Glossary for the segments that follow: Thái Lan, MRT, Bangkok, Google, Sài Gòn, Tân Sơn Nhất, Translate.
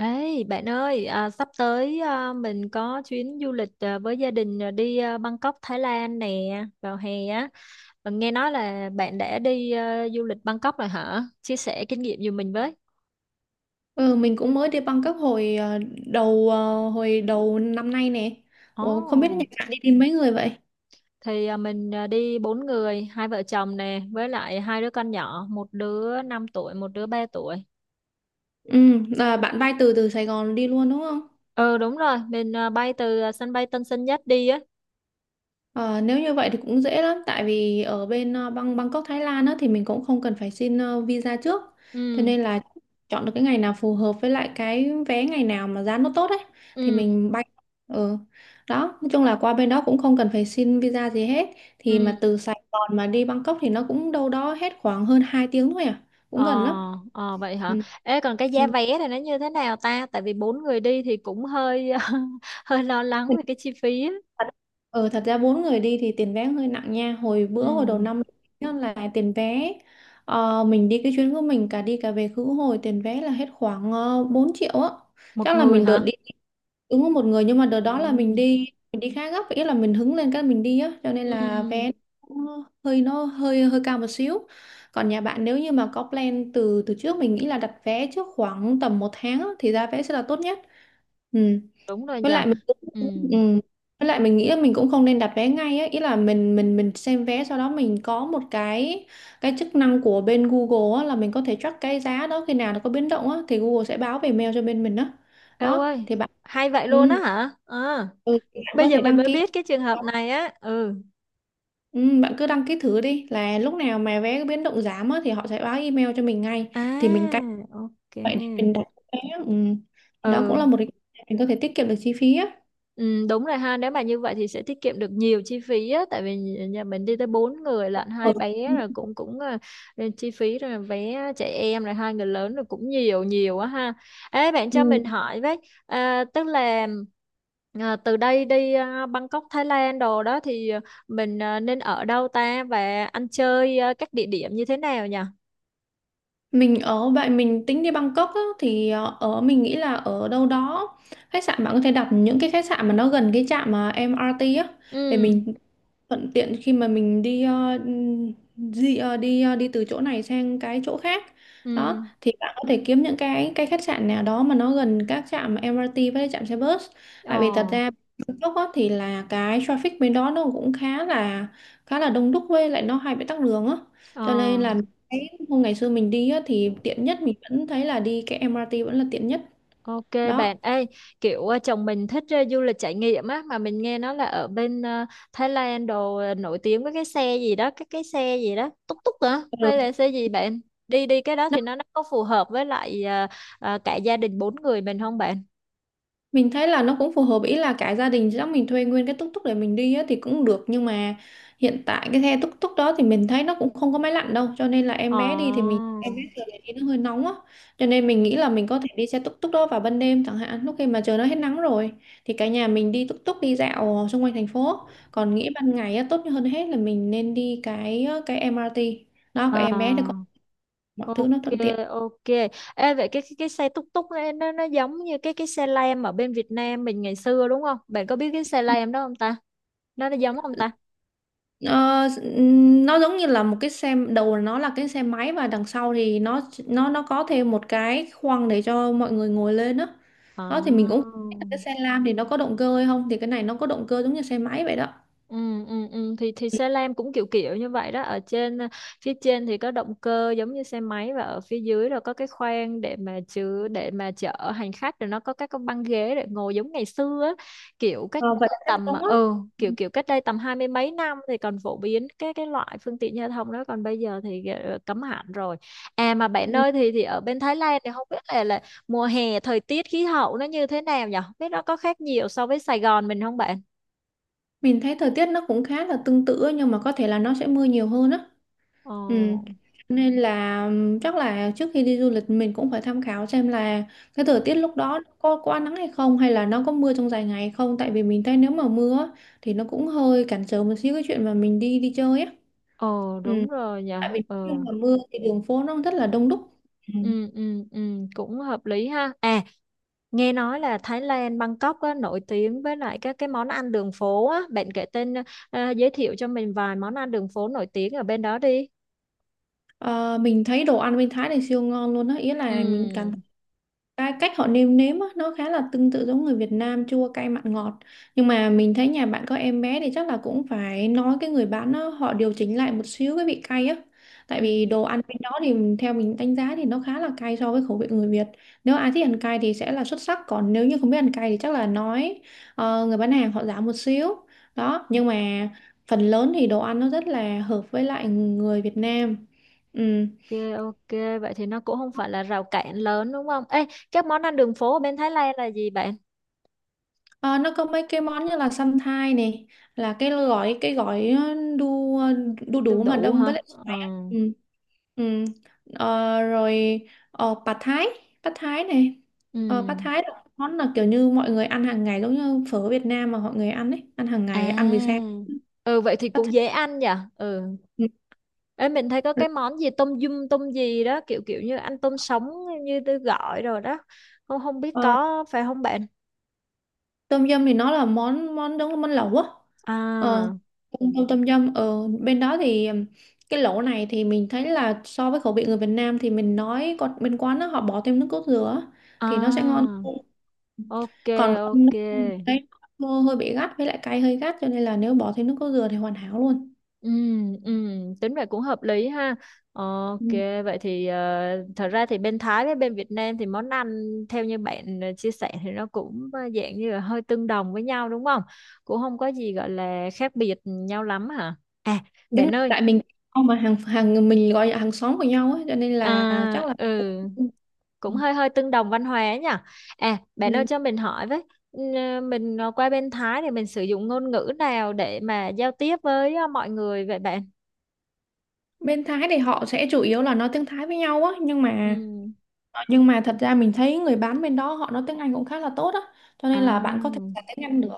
Ê, bạn ơi, sắp tới mình có chuyến du lịch với gia đình đi Bangkok, Thái Lan nè, vào hè á. Và nghe nói là bạn đã đi du lịch Bangkok rồi hả? Chia sẻ kinh nghiệm giùm mình với. Ừ, mình cũng mới đi Bangkok hồi hồi đầu năm nay nè. Ủa, không biết Ồ, nhà bạn đi tìm mấy người vậy? thì mình đi bốn người, hai vợ chồng nè, với lại hai đứa con nhỏ, một đứa 5 tuổi, một đứa 3 tuổi. Ừ, là bạn bay từ từ Sài Gòn đi luôn đúng không? Ừ, đúng rồi, mình bay từ sân bay Tân Sơn Nhất đi á. Ờ, Nếu như vậy thì cũng dễ lắm tại vì ở bên Bangkok Thái Lan á, thì mình cũng không cần phải xin visa trước, cho Ừ, nên là chọn được cái ngày nào phù hợp với lại cái vé ngày nào mà giá nó tốt ấy thì ừ, mình bay. ừ. Đó, nói chung là qua bên đó cũng không cần phải xin visa gì hết, thì mà ừ. từ Sài Gòn mà đi Bangkok thì nó cũng đâu đó hết khoảng hơn 2 tiếng thôi à, Ờ, cũng gần lắm. ờ vậy hả? Ừ. Ê, còn cái giá Ừ. vé này nó như thế nào ta? Tại vì bốn người đi thì cũng hơi hơi lo lắng Thật- về cái chi phí á. thật- Ừ, thật ra bốn người đi thì tiền vé hơi nặng nha, hồi bữa hồi đầu Ừ, năm đó là tiền vé, mình đi cái chuyến của mình cả đi cả về khứ hồi, tiền vé là hết khoảng 4 triệu á. một Chắc là người mình đợt hả? đi đúng có một người, nhưng mà đợt Ừ, đó là mình đi, mình đi khá gấp, ý là mình hứng lên cái mình đi á, cho nên ừ, là vé nó hơi hơi cao một xíu. Còn nhà bạn nếu như mà có plan từ từ trước, mình nghĩ là đặt vé trước khoảng tầm 1 tháng á, thì ra vé sẽ là tốt nhất. Ừ. đúng rồi với nhỉ. lại mình cũng- Ừ, Ừ. Với lại mình nghĩ là mình cũng không nên đặt vé ngay ấy. Ý là mình xem vé, sau đó mình có một cái chức năng của bên Google á, là mình có thể track cái giá đó khi nào nó có biến động á, thì Google sẽ báo về mail cho bên mình đó. eo Đó ơi, thì bạn, hay vậy luôn á ừ, hả? Ờ, ừ, thì bạn bây có giờ thể mình đăng mới ký. biết cái trường hợp này á. Ừ, Ừ, bạn cứ đăng ký thử đi, là lúc nào mà vé biến động giảm á, thì họ sẽ báo email cho mình ngay, thì mình canh à, ok. vậy để mình đặt vé. Ừ. Thì đó cũng Ừ, là một cái mình có thể tiết kiệm được chi phí á. Ừ, đúng rồi ha. Nếu mà như vậy thì sẽ tiết kiệm được nhiều chi phí á, tại vì nhà mình đi tới bốn người lận, Ừ. hai bé rồi cũng cũng à, chi phí rồi vé trẻ em rồi hai người lớn rồi cũng nhiều nhiều á ha. Ê bạn cho Ừ. mình hỏi với, tức là từ đây đi Bangkok Thái Lan đồ đó thì mình nên ở đâu ta, và ăn chơi các địa điểm như thế nào nhỉ? Mình ở vậy mình tính đi Bangkok á, thì ở mình nghĩ là ở đâu đó khách sạn, bạn có thể đặt những cái khách sạn mà nó gần cái trạm mà em MRT á, để Ừ, mình thuận tiện khi mà mình đi ờ, di, ờ, đi từ chỗ này sang cái chỗ khác. ừ. Đó thì bạn có thể kiếm những cái khách sạn nào đó mà nó gần các trạm MRT với lại trạm xe bus. Ờ, Tại vì thật ra, lúc đó thì là cái traffic bên đó nó cũng khá là đông đúc với lại nó hay bị tắc đường á, ờ. cho nên là cái hôm ngày xưa mình đi á, thì tiện nhất mình vẫn thấy là đi cái MRT vẫn là tiện nhất Ok. đó. Bạn, ê, kiểu chồng mình thích du lịch trải nghiệm á, mà mình nghe nói là ở bên Thái Lan đồ nổi tiếng với cái xe gì đó, cái xe gì đó, túc túc hả? Hay Ừ. là xe gì bạn? Đi đi cái đó thì nó có phù hợp với lại cả gia đình bốn người mình không bạn? Mình thấy là nó cũng phù hợp, ý là cả gia đình chắc mình thuê nguyên cái túc túc để mình đi á, thì cũng được, nhưng mà hiện tại cái xe túc túc đó thì mình thấy nó cũng không có máy lạnh đâu, cho nên là Ồ. em bé đi thì mình em bé thường là đi nó hơi nóng á, cho nên mình nghĩ là mình có thể đi xe túc túc đó vào ban đêm chẳng hạn, lúc khi mà trời nó hết nắng rồi, thì cả nhà mình đi túc túc đi dạo xung quanh thành phố. Còn nghĩ ban ngày á, tốt hơn hết là mình nên đi cái MRT, đó cái em bé để có À, mọi thứ nó ok, thuận tiện. ok. Ê, vậy cái xe túc túc ấy, nó giống như cái xe lam ở bên Việt Nam mình ngày xưa đúng không? Bạn có biết cái xe lam đó không ta? Nó giống không ta? Ờ, nó giống như là một cái xe đầu nó là cái xe máy và đằng sau thì nó có thêm một cái khoang để cho mọi người ngồi lên đó. À. Đó thì mình cũng không biết là cái xe lam thì nó có động cơ hay không, thì cái này nó có động cơ giống như xe máy vậy đó. Ừ, ừ, ừ. Thì xe lam cũng kiểu kiểu như vậy đó, phía trên thì có động cơ giống như xe máy, và ở phía dưới là có cái khoang để mà chở hành khách, rồi nó có các cái băng ghế để ngồi giống ngày xưa á. Kiểu cách Ờ, Vậy đây chắc tầm đúng á. ừ, kiểu cách đây tầm hai mươi mấy năm thì còn phổ biến cái loại phương tiện giao thông đó, còn bây giờ thì cấm hẳn rồi. À mà Ừ. bạn ơi, thì ở bên Thái Lan thì không biết là mùa hè thời tiết khí hậu nó như thế nào nhỉ? Không biết nó có khác nhiều so với Sài Gòn mình không bạn? Mình thấy thời tiết nó cũng khá là tương tự á, nhưng mà có thể là nó sẽ mưa nhiều hơn á. Ờ. Ừ. Nên là chắc là trước khi đi du lịch mình cũng phải tham khảo xem là cái thời tiết lúc đó có nắng hay không, hay là nó có mưa trong dài ngày hay không, tại vì mình thấy nếu mà mưa á, thì nó cũng hơi cản trở một xíu cái chuyện mà mình đi đi chơi á. Ờ Ừ. đúng rồi nhỉ. Tại vì khi Ờ. mà mưa thì đường phố nó rất là đông đúc. Ừ. Ừ, ừ, ừ, cũng hợp lý ha. À, nghe nói là Thái Lan Bangkok á, nổi tiếng với lại các cái món ăn đường phố á, bạn kể tên ờ, ờ, giới thiệu cho mình vài món ăn đường phố nổi tiếng ở bên đó đi. Ờ, mình thấy đồ ăn bên Thái này siêu ngon luôn á, ý là mình cảm. Ừ. Cái cách họ nêm nếm á, nó khá là tương tự giống người Việt Nam, chua cay mặn ngọt, nhưng mà mình thấy nhà bạn có em bé thì chắc là cũng phải nói cái người bán á, họ điều chỉnh lại một xíu cái vị cay á, Ừ. tại vì đồ ăn bên đó thì theo mình đánh giá thì nó khá là cay so với khẩu vị người Việt. Nếu ai thích ăn cay thì sẽ là xuất sắc, còn nếu như không biết ăn cay thì chắc là nói người bán hàng họ giảm một xíu. Đó nhưng mà phần lớn thì đồ ăn nó rất là hợp với lại người Việt Nam. Ừ. Ok, ok, vậy thì nó cũng không phải là rào cản lớn đúng không? Ê, các món ăn đường phố ở bên Thái Lan là gì bạn? Ờ, nó có mấy cái món như là săn thai này, là cái gói đu Đu đủ mà đủ đâm hả? với lại Ừ. xoài á. Ừ. Ừ. Ờ, Rồi pad thái, pad thái này Ừ. Pad thái là món là kiểu như mọi người ăn hàng ngày, giống như phở Việt Nam mà mọi người ăn ấy, ăn hàng À. ngày, ăn buổi sáng Ừ, vậy thì pad cũng thái. dễ ăn nhỉ. Ừ. Ừ. Ê, mình thấy có cái món gì tôm dung tôm gì đó, kiểu kiểu như ăn tôm sống, như tôi gọi rồi đó, không không biết Ờ, có phải không bạn? Tôm dâm thì nó là món món giống món lẩu á. Ờ, À, tôm tom Tom yum ở bên đó thì cái lẩu này thì mình thấy là so với khẩu vị người Việt Nam thì mình nói, còn bên quán đó họ bỏ thêm nước cốt dừa á, thì nó sẽ ngon à, hơn. ok, Còn không ok. thì thấy nó hơi bị gắt với lại cay, hơi gắt, cho nên là nếu bỏ thêm nước cốt dừa thì hoàn hảo luôn. Ừ, ừ, tính vậy cũng hợp lý ha. Ok. Ừ. Vậy thì thật ra thì bên Thái với bên Việt Nam thì món ăn theo như bạn chia sẻ thì nó cũng dạng như là hơi tương đồng với nhau đúng không? Cũng không có gì gọi là khác biệt nhau lắm hả? à Đúng bạn ơi, tại mình không, mà hàng hàng mình gọi là hàng xóm của nhau ấy, cho nên là chắc là. ừ, Ừ. cũng hơi hơi tương đồng văn hóa nhỉ. À, bạn ơi Ừ. cho mình hỏi với, ừ, mình qua bên Thái thì mình sử dụng ngôn ngữ nào để mà giao tiếp với mọi người vậy bạn? Bên Thái thì họ sẽ chủ yếu là nói tiếng Thái với nhau á, nhưng mà Ừ, nhưng mà thật ra mình thấy người bán bên đó họ nói tiếng Anh cũng khá là tốt á, cho nên là bạn có thể à, xài tiếng Anh được.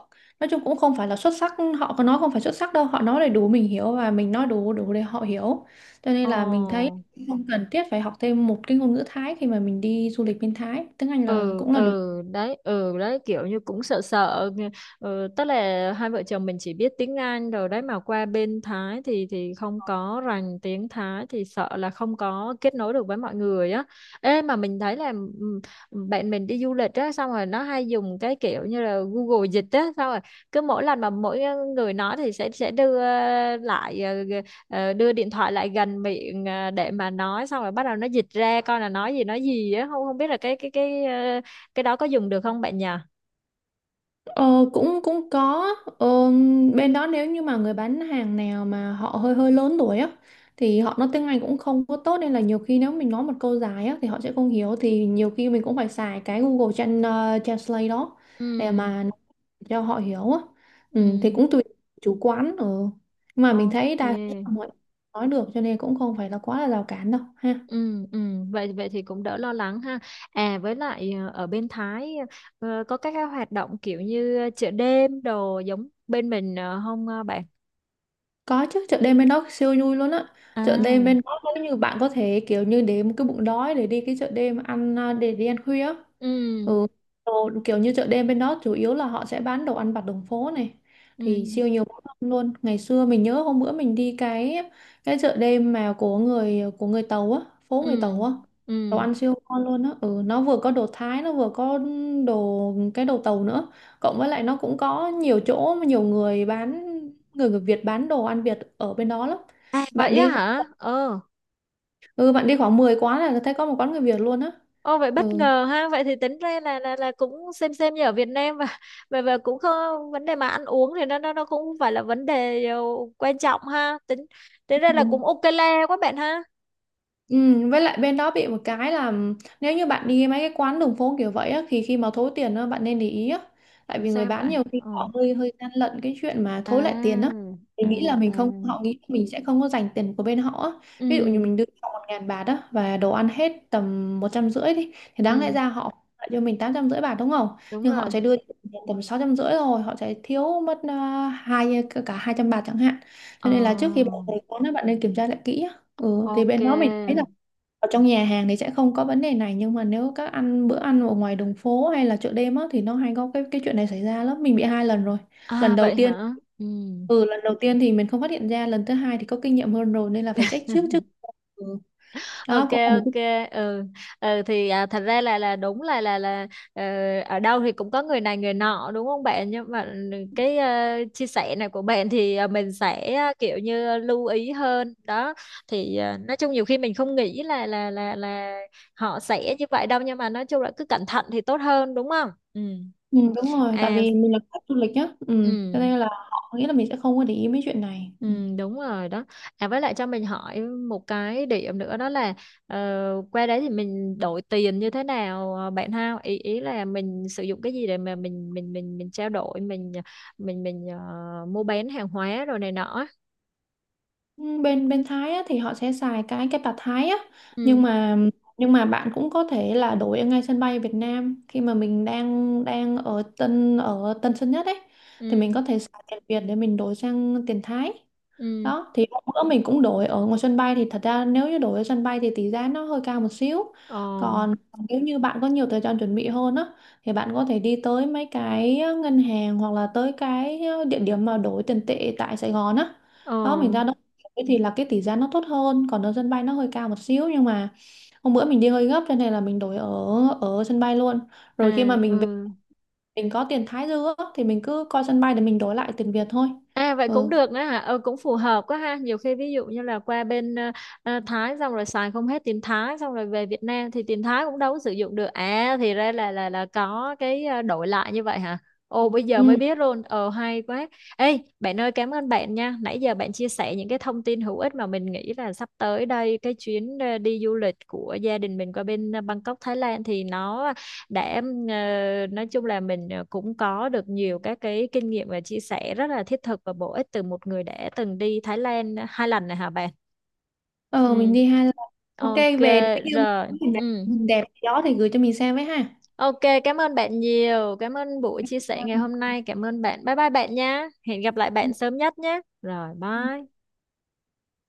Nói chung cũng không phải là xuất sắc, họ có nói không phải xuất sắc đâu, họ nói để đủ mình hiểu và mình nói đủ đủ để họ hiểu, cho ồ, nên là mình thấy không cần thiết phải học thêm một cái ngôn ngữ Thái khi mà mình đi du lịch bên Thái, tiếng Anh là ừ, cũng là đủ. ừ đấy, ừ đấy, kiểu như cũng sợ sợ Ừ, tức là hai vợ chồng mình chỉ biết tiếng Anh rồi đấy, mà qua bên Thái thì không có rành tiếng Thái thì sợ là không có kết nối được với mọi người á. Ê mà mình thấy là, ừ, bạn mình đi du lịch á xong rồi nó hay dùng cái kiểu như là Google dịch á. Xong rồi cứ mỗi lần mà mỗi người nói thì sẽ đưa lại. Ờ, đưa điện thoại lại gần miệng để mà nói xong rồi bắt đầu nó dịch ra coi là nói gì á. Không không biết là cái đó có dùng được không bạn nhỉ? Ờ, cũng cũng có. ờ, Bên đó nếu như mà người bán hàng nào mà họ hơi hơi lớn tuổi á, thì họ nói tiếng Anh cũng không có tốt, nên là nhiều khi nếu mình nói một câu dài á thì họ sẽ không hiểu, thì nhiều khi mình cũng phải xài cái Translate đó để Ừ, mà nói cho họ hiểu á. ừ, Ừ, thì cũng tùy chủ quán. Ừ. Nhưng mà mình ok. thấy đa số là mọi người nói được, cho nên cũng không phải là quá là rào cản đâu ha. Ừ, ừ, vậy vậy thì cũng đỡ lo lắng ha. À, với lại ở bên Thái có các cái hoạt động kiểu như chợ đêm đồ giống bên mình không bạn? Có chứ, chợ đêm bên đó siêu vui luôn á. Chợ đêm bên À, đó nếu như bạn có thể kiểu như để một cái bụng đói để đi cái chợ đêm ăn, à, để đi ăn khuya. ừ, Ừ. Đồ, kiểu như chợ đêm bên đó chủ yếu là họ sẽ bán đồ ăn vặt đường phố này, thì ừ, siêu nhiều món ngon luôn. Ngày xưa mình nhớ hôm bữa mình đi cái chợ đêm mà của người Tàu á, phố người ừ, Tàu á, ừ. đồ ăn siêu ngon luôn á. Ừ, nó vừa có đồ Thái, nó vừa có đồ cái đồ Tàu nữa, cộng với lại nó cũng có nhiều chỗ mà nhiều người bán người người Việt bán đồ ăn Việt ở bên đó lắm. À vậy Bạn á đi, hả? Ờ. ừ, bạn đi khoảng 10 quán là thấy có 1 quán người Việt luôn á. Ô vậy bất ngờ ha, vậy thì tính ra là cũng xem như ở Việt Nam, và cũng không vấn đề, mà ăn uống thì nó cũng không phải là vấn đề quan trọng ha. Tính tính ra là cũng Ừ. ok le quá bạn ha. Với lại bên đó bị một cái là nếu như bạn đi mấy cái quán đường phố kiểu vậy á, thì khi mà thối tiền á, bạn nên để ý á. Tại vì người Sao bán nhiều vậy? khi Ờ. họ hơi hơi gian lận cái chuyện mà thối lại tiền á. À, Thì à, nghĩ là à. mình không, họ nghĩ mình sẽ không có dành tiền của bên họ á. Ví dụ như Ừ, mình đưa họ 1.000 bạt á, và đồ ăn hết tầm 150 đi, thì đáng lẽ ừ, ra họ lại cho mình 850 bạt đúng không? đúng Nhưng họ rồi. sẽ đưa tầm 650, rồi họ sẽ thiếu mất 200 bạt chẳng hạn. Cho Ờ, nên là trước khi bạn tới quán á, bạn nên kiểm tra lại kỹ. Ừ, thì bên đó mình thấy là ok. ở trong nhà hàng thì sẽ không có vấn đề này, nhưng mà nếu các ăn bữa ăn ở ngoài đường phố hay là chợ đêm á, thì nó hay có cái chuyện này xảy ra lắm. Mình bị 2 lần rồi, À lần đầu vậy tiên, hả? Ừ. Lần đầu tiên thì mình không phát hiện ra, lần thứ hai thì có kinh nghiệm hơn rồi nên là phải trách trước chứ. Ừ. Đó Ok, cũng là một cái. ok, ừ, ừ. Thì thật ra là đúng là, ờ, ở đâu thì cũng có người này người nọ đúng không bạn, nhưng mà cái chia sẻ này của bạn thì mình sẽ kiểu như lưu ý hơn đó. Thì nói chung nhiều khi mình không nghĩ là họ sẽ như vậy đâu, nhưng mà nói chung là cứ cẩn thận thì tốt hơn đúng không? Ừ. Ừ, đúng rồi, tại À, vì mình là khách du lịch nhá. Ừ, cho ừ. nên là họ nghĩ là mình sẽ không có để ý mấy chuyện này. Ừ. Ừ, đúng rồi đó. À với lại cho mình hỏi một cái điểm nữa đó là, ờ, qua đấy thì mình đổi tiền như thế nào bạn ha? Ý ý là mình sử dụng cái gì để mà mình trao đổi, mình mua bán hàng hóa rồi này nọ á. Ừ, bên bên Thái á, thì họ sẽ xài cái bạt Thái á, nhưng Ừ, mà nhưng mà bạn cũng có thể là đổi ở ngay sân bay Việt Nam khi mà mình đang đang ở Tân Sơn Nhất ấy, thì mình ừ, có thể xài tiền Việt để mình đổi sang tiền Thái. ừ. Đó thì hôm bữa mình cũng đổi ở ngoài sân bay, thì thật ra nếu như đổi ở sân bay thì tỷ giá nó hơi cao một xíu. Ờ, Còn nếu như bạn có nhiều thời gian chuẩn bị hơn á, thì bạn có thể đi tới mấy cái ngân hàng hoặc là tới cái địa điểm mà đổi tiền tệ tại Sài Gòn á, ờ, đó mình ra đó thì là cái tỷ giá nó tốt hơn. Còn ở sân bay nó hơi cao một xíu, nhưng mà hôm bữa mình đi hơi gấp, cho nên là mình đổi ở ở sân bay luôn, rồi khi mà à, mình về, ừ. mình có tiền Thái dư á, thì mình cứ coi sân bay để mình đổi lại tiền Việt thôi. À vậy cũng Ừ. được nữa hả? Ừ, cũng phù hợp quá ha. Nhiều khi ví dụ như là qua bên Thái xong rồi xài không hết tiền Thái, xong rồi về Việt Nam thì tiền Thái cũng đâu có sử dụng được. À thì ra là có cái đổi lại như vậy hả? Ồ bây giờ mới Ừ. biết luôn. Ờ hay quá. Ê bạn ơi cảm ơn bạn nha. Nãy giờ bạn chia sẻ những cái thông tin hữu ích mà mình nghĩ là sắp tới đây cái chuyến đi du lịch của gia đình mình qua bên Bangkok Thái Lan thì nó để nói chung là mình cũng có được nhiều các cái kinh nghiệm và chia sẻ rất là thiết thực và bổ ích từ một người đã từng đi Thái Lan 2 lần này hả bạn? Ờ mình Ừ. đi 2 lần. Ok, Ok về nếu như rồi. mình đẹp, Ừ. hình đẹp gì đó thì gửi cho mình xem với ha. Ok, cảm ơn bạn nhiều. Cảm ơn buổi chia sẻ ngày Vâng. hôm nay. Cảm ơn bạn. Bye bye bạn nha. Hẹn gặp lại bạn sớm nhất nhé. Rồi, bye.